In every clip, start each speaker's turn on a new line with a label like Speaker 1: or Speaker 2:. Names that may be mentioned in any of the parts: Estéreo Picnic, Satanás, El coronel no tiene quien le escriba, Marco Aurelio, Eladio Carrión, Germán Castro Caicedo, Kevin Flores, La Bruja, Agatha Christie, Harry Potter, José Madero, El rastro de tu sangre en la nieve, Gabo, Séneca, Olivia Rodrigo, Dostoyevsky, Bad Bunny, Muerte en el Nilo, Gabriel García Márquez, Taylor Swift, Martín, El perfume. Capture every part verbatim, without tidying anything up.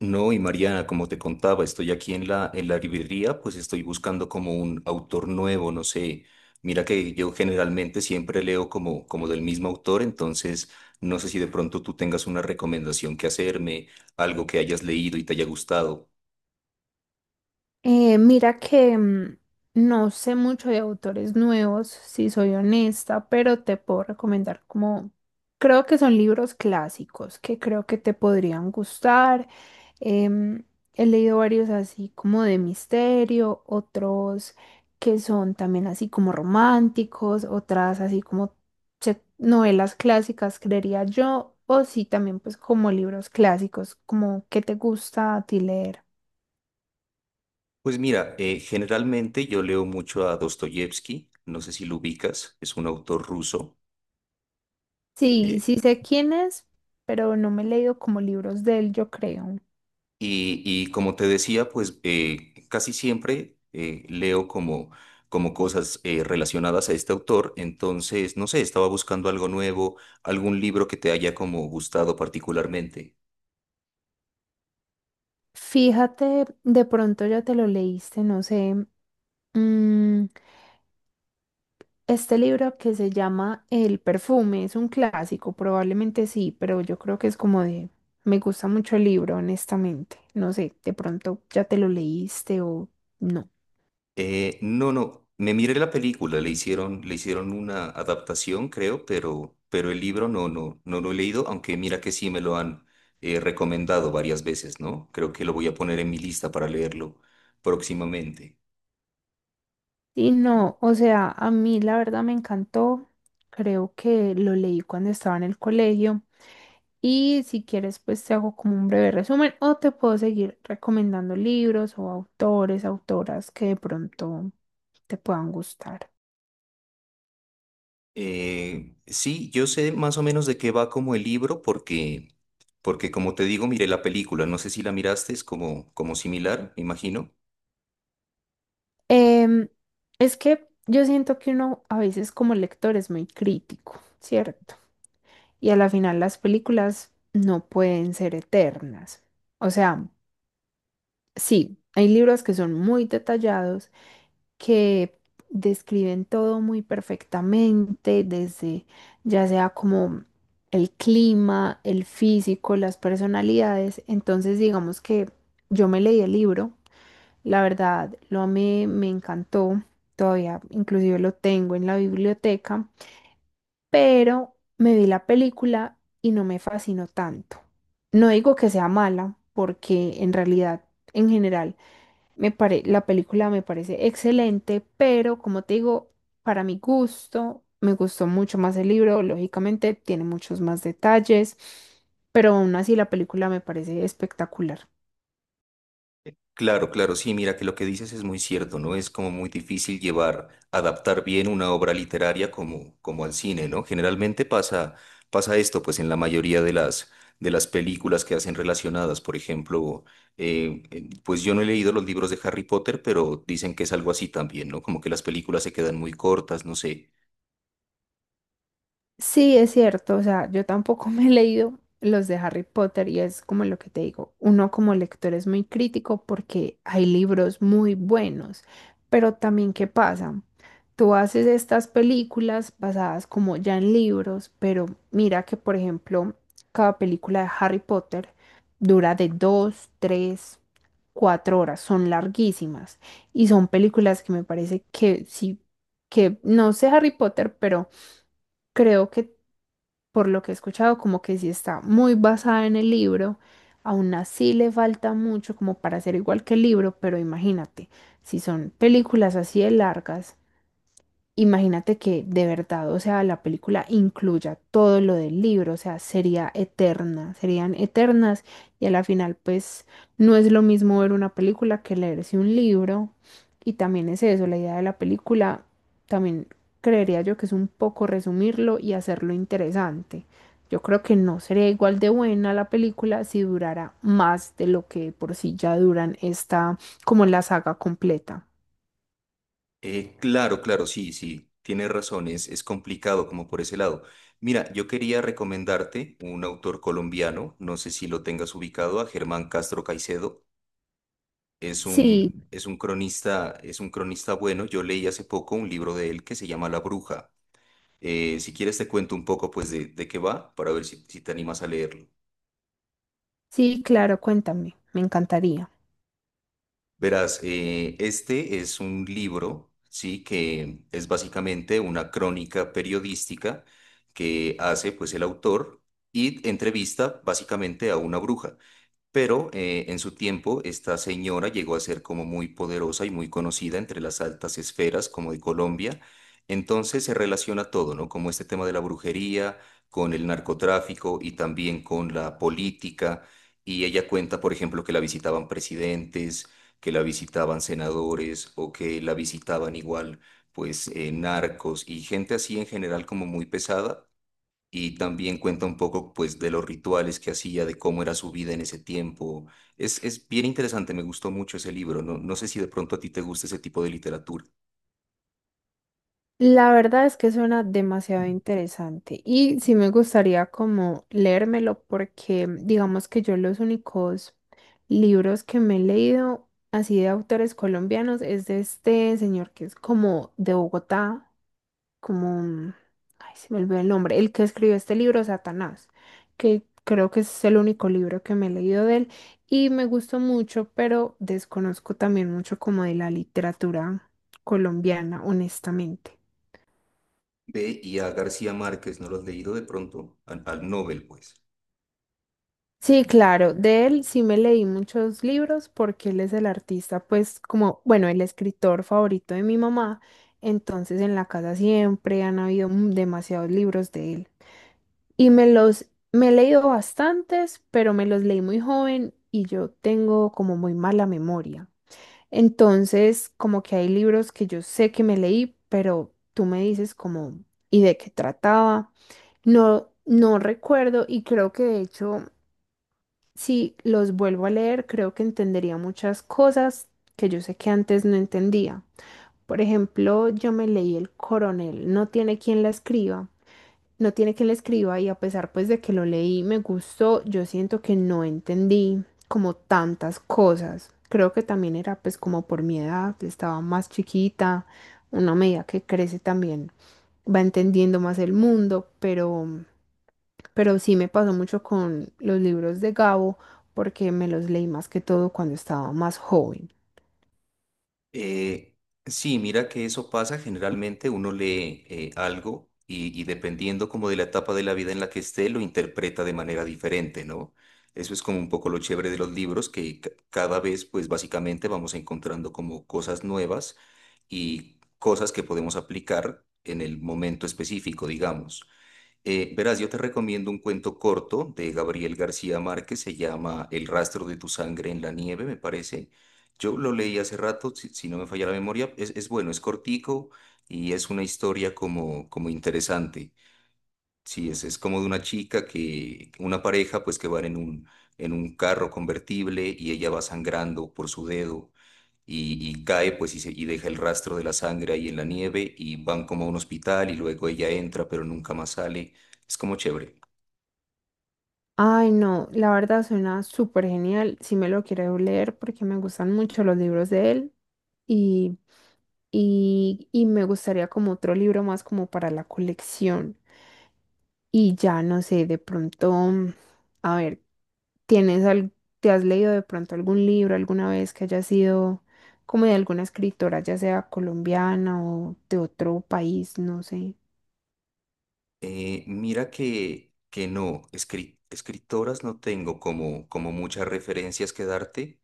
Speaker 1: No, y Mariana, como te contaba, estoy aquí en la, en la librería, pues estoy buscando como un autor nuevo, no sé. Mira que yo generalmente siempre leo como, como del mismo autor, entonces no sé si de pronto tú tengas una recomendación que hacerme, algo que hayas leído y te haya gustado.
Speaker 2: Eh, mira que mm, no sé mucho de autores nuevos, si soy honesta, pero te puedo recomendar como, creo que son libros clásicos que creo que te podrían gustar. Em, He leído varios así como de misterio, otros que son también así como románticos, otras así como se- novelas clásicas, creería yo, o sí también pues como libros clásicos, como que te gusta a ti leer.
Speaker 1: Pues mira, eh, generalmente yo leo mucho a Dostoyevsky, no sé si lo ubicas, es un autor ruso.
Speaker 2: Sí, sí sé quién es, pero no me he leído como libros de él, yo creo.
Speaker 1: Y, y como te decía, pues eh, casi siempre eh, leo como, como cosas eh, relacionadas a este autor. Entonces, no sé, estaba buscando algo nuevo, algún libro que te haya como gustado particularmente.
Speaker 2: Fíjate, de pronto ya te lo leíste, no sé. mm, este libro que se llama El perfume es un clásico, probablemente sí, pero yo creo que es como de... Me gusta mucho el libro, honestamente. No sé, de pronto ya te lo leíste o no.
Speaker 1: Eh, no, no, me miré la película, le hicieron, le hicieron una adaptación, creo, pero, pero el libro no, no, no lo he leído, aunque mira que sí me lo han eh, recomendado varias veces, ¿no? Creo que lo voy a poner en mi lista para leerlo próximamente.
Speaker 2: Y no, o sea, a mí la verdad me encantó. Creo que lo leí cuando estaba en el colegio. Y si quieres, pues te hago como un breve resumen o te puedo seguir recomendando libros o autores, autoras que de pronto te puedan gustar.
Speaker 1: Eh, sí, yo sé más o menos de qué va como el libro porque, porque como te digo, miré la película, no sé si la miraste, es como, como similar, me imagino.
Speaker 2: Em, es que yo siento que uno a veces como lector es muy crítico, ¿cierto? Y a la final las películas no pueden ser eternas. O sea, sí, hay libros que son muy detallados que describen todo muy perfectamente, desde ya sea como el clima, el físico, las personalidades. Entonces, digamos que yo me leí el libro, la verdad, lo amé, me encantó, todavía inclusive lo tengo en la biblioteca, pero me vi la película y no me fascinó tanto. No digo que sea mala, porque en realidad, en general, me pare- la película me parece excelente, pero como te digo, para mi gusto, me gustó mucho más el libro, lógicamente tiene muchos más detalles, pero aún así la película me parece espectacular.
Speaker 1: Claro, claro, sí, mira que lo que dices es muy cierto, ¿no? Es como muy difícil llevar, adaptar bien una obra literaria como, como al cine, ¿no? Generalmente pasa, pasa esto, pues en la mayoría de las, de las películas que hacen relacionadas, por ejemplo, eh, eh, pues yo no he leído los libros de Harry Potter, pero dicen que es algo así también, ¿no? Como que las películas se quedan muy cortas, no sé.
Speaker 2: Sí, es cierto, o sea, yo tampoco me he leído los de Harry Potter y es como lo que te digo, uno como lector es muy crítico porque hay libros muy buenos, pero también ¿qué pasa? Tú haces estas películas basadas como ya en libros, pero mira que por ejemplo, cada película de Harry Potter dura de dos, tres, cuatro horas, son larguísimas y son películas que me parece que sí, que no sé Harry Potter, pero... Creo que por lo que he escuchado, como que sí está muy basada en el libro, aún así le falta mucho como para ser igual que el libro, pero imagínate, si son películas así de largas. Imagínate que de verdad, o sea, la película incluya todo lo del libro, o sea, sería eterna, serían eternas y a la final pues no es lo mismo ver una película que leerse un libro y también es eso, la idea de la película también creería yo que es un poco resumirlo y hacerlo interesante. Yo creo que no sería igual de buena la película si durara más de lo que por sí ya duran esta como la saga completa.
Speaker 1: Eh, claro, claro, sí, sí, tienes razón, es, es complicado como por ese lado. Mira, yo quería recomendarte un autor colombiano, no sé si lo tengas ubicado, a Germán Castro Caicedo. Es
Speaker 2: Sí,
Speaker 1: un, es un cronista, es un cronista bueno. Yo leí hace poco un libro de él que se llama La Bruja. Eh, si quieres te cuento un poco pues de, de qué va para ver si, si te animas a leerlo.
Speaker 2: sí, claro, cuéntame, me encantaría.
Speaker 1: Verás, eh, este es un libro, sí, que es básicamente una crónica periodística que hace pues el autor y entrevista básicamente a una bruja. Pero eh, en su tiempo esta señora llegó a ser como muy poderosa y muy conocida entre las altas esferas como de Colombia. Entonces se relaciona todo, ¿no? Como este tema de la brujería, con el narcotráfico y también con la política. Y ella cuenta, por ejemplo, que la visitaban presidentes, que la visitaban senadores o que la visitaban igual, pues, eh, narcos y gente así en general como muy pesada y también cuenta un poco, pues, de los rituales que hacía, de cómo era su vida en ese tiempo. Es, es bien interesante, me gustó mucho ese libro. No, no sé si de pronto a ti te gusta ese tipo de literatura.
Speaker 2: La verdad es que suena demasiado interesante y sí me gustaría como leérmelo porque mm, digamos que yo los únicos libros que me he leído así de autores colombianos es de este señor que es como de Bogotá, como, ay, se me olvidó el nombre, el que escribió este libro, Satanás, que creo que es el único libro que me he leído de él y me gustó mucho, pero desconozco también mucho como de la literatura colombiana, honestamente.
Speaker 1: Ve, y a García Márquez, ¿no lo has leído de pronto? Al, al Nobel, pues.
Speaker 2: Sí, claro, de él sí me leí muchos libros porque él es el artista, pues como, bueno, el escritor favorito de mi mamá, entonces en la casa siempre han habido mm, demasiados libros de él. Y me los, me he leído bastantes, pero me los leí muy joven y yo tengo como muy mala memoria. Entonces, como que hay libros que yo sé que me leí, pero tú me dices como, ¿y de qué trataba? No, no recuerdo y creo que de hecho, si los vuelvo a leer, creo que entendería muchas cosas que yo sé que antes no entendía. Por ejemplo, yo me leí El coronel, no tiene quien la escriba. No tiene que le escriba y a pesar pues de que lo leí, me gustó, yo siento que no entendí como tantas cosas. Creo que también era pues como por mi edad, estaba más chiquita, una medida que crece también va entendiendo más el mundo, pero, pero sí me pasó mucho con los libros de Gabo porque me los leí más que todo cuando estaba más joven.
Speaker 1: Eh, sí, mira que eso pasa. Generalmente uno lee eh, algo y, y dependiendo como de la etapa de la vida en la que esté, lo interpreta de manera diferente, ¿no? Eso es como un poco lo chévere de los libros, que ca- cada vez, pues, básicamente vamos encontrando como cosas nuevas y cosas que podemos aplicar en el momento específico, digamos. Eh, verás, yo te recomiendo un cuento corto de Gabriel García Márquez, se llama El rastro de tu sangre en la nieve, me parece. Yo lo leí hace rato, si, si no me falla la memoria, es, es bueno, es cortico y es una historia como, como interesante. Sí, es, es como de una chica que, una pareja pues que van en un, en un carro convertible y ella va sangrando por su dedo y, y cae pues y, se- y deja el rastro de la sangre ahí en la nieve y van como a un hospital y luego ella entra pero nunca más sale. Es como chévere.
Speaker 2: Ay, no, la verdad suena súper genial. Sí me lo quiero leer porque me gustan mucho los libros de él y, y, y me gustaría como otro libro más como para la colección. Y ya no sé, de pronto, mm, a ver, ¿tienes al, te has leído de pronto algún libro alguna vez que haya sido como de alguna escritora, ya sea colombiana o de otro país, no sé?
Speaker 1: Eh, mira que, que no, escri- escritoras no tengo como, como muchas referencias que darte,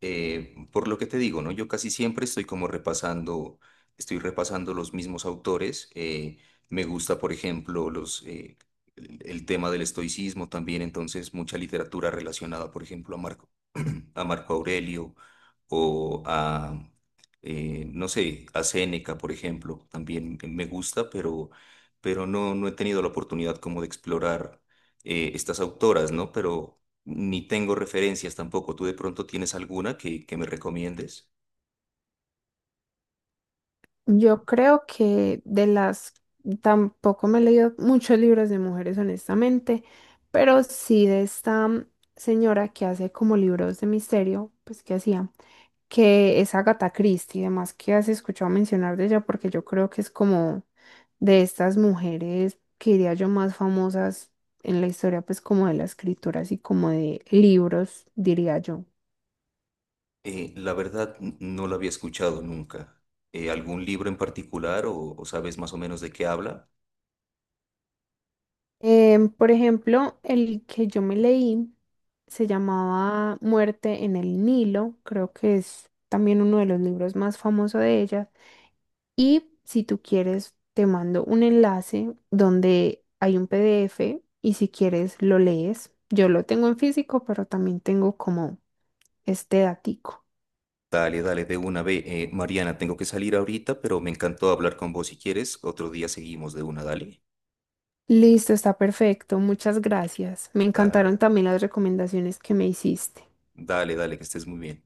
Speaker 1: eh, por lo que te digo, ¿no? Yo casi siempre estoy como repasando, estoy repasando los mismos autores. Eh, me gusta, por ejemplo, los... eh, el el tema del estoicismo también, entonces mucha literatura relacionada, por ejemplo, a Marco a Marco Aurelio o a, eh, no sé, a Séneca, por ejemplo. También me gusta, pero, pero no, no he tenido la oportunidad como de explorar eh, estas autoras, ¿no? Pero ni tengo referencias tampoco. ¿Tú de pronto tienes alguna que, que me recomiendes?
Speaker 2: Yo creo que de las, tampoco me he leído muchos libros de mujeres, honestamente, pero sí de esta mm, señora que hace como libros de misterio, pues que hacía, que es Agatha Christie y demás, que has escuchado mencionar de ella, porque yo creo que es como de estas mujeres, que diría yo, más famosas en la historia, pues como de la escritura, así como de libros, diría yo.
Speaker 1: Eh, la verdad, n- no la había escuchado nunca. Eh, ¿algún libro en particular o o sabes más o menos de qué habla?
Speaker 2: Em, por ejemplo, el que yo me leí se llamaba Muerte en el Nilo, creo que es también uno de los libros más famosos de ella. Y si tú quieres, te mando un enlace donde hay un P D F y si quieres lo lees. Yo lo tengo en físico, pero también tengo como este datico.
Speaker 1: Dale, dale, de una vez. Eh, Mariana, tengo que salir ahorita, pero me encantó hablar con vos si quieres. Otro día seguimos de una, dale.
Speaker 2: Listo, está perfecto. Muchas gracias. Me encantaron
Speaker 1: Dale,
Speaker 2: también las recomendaciones que me hiciste.
Speaker 1: dale, dale, que estés muy bien.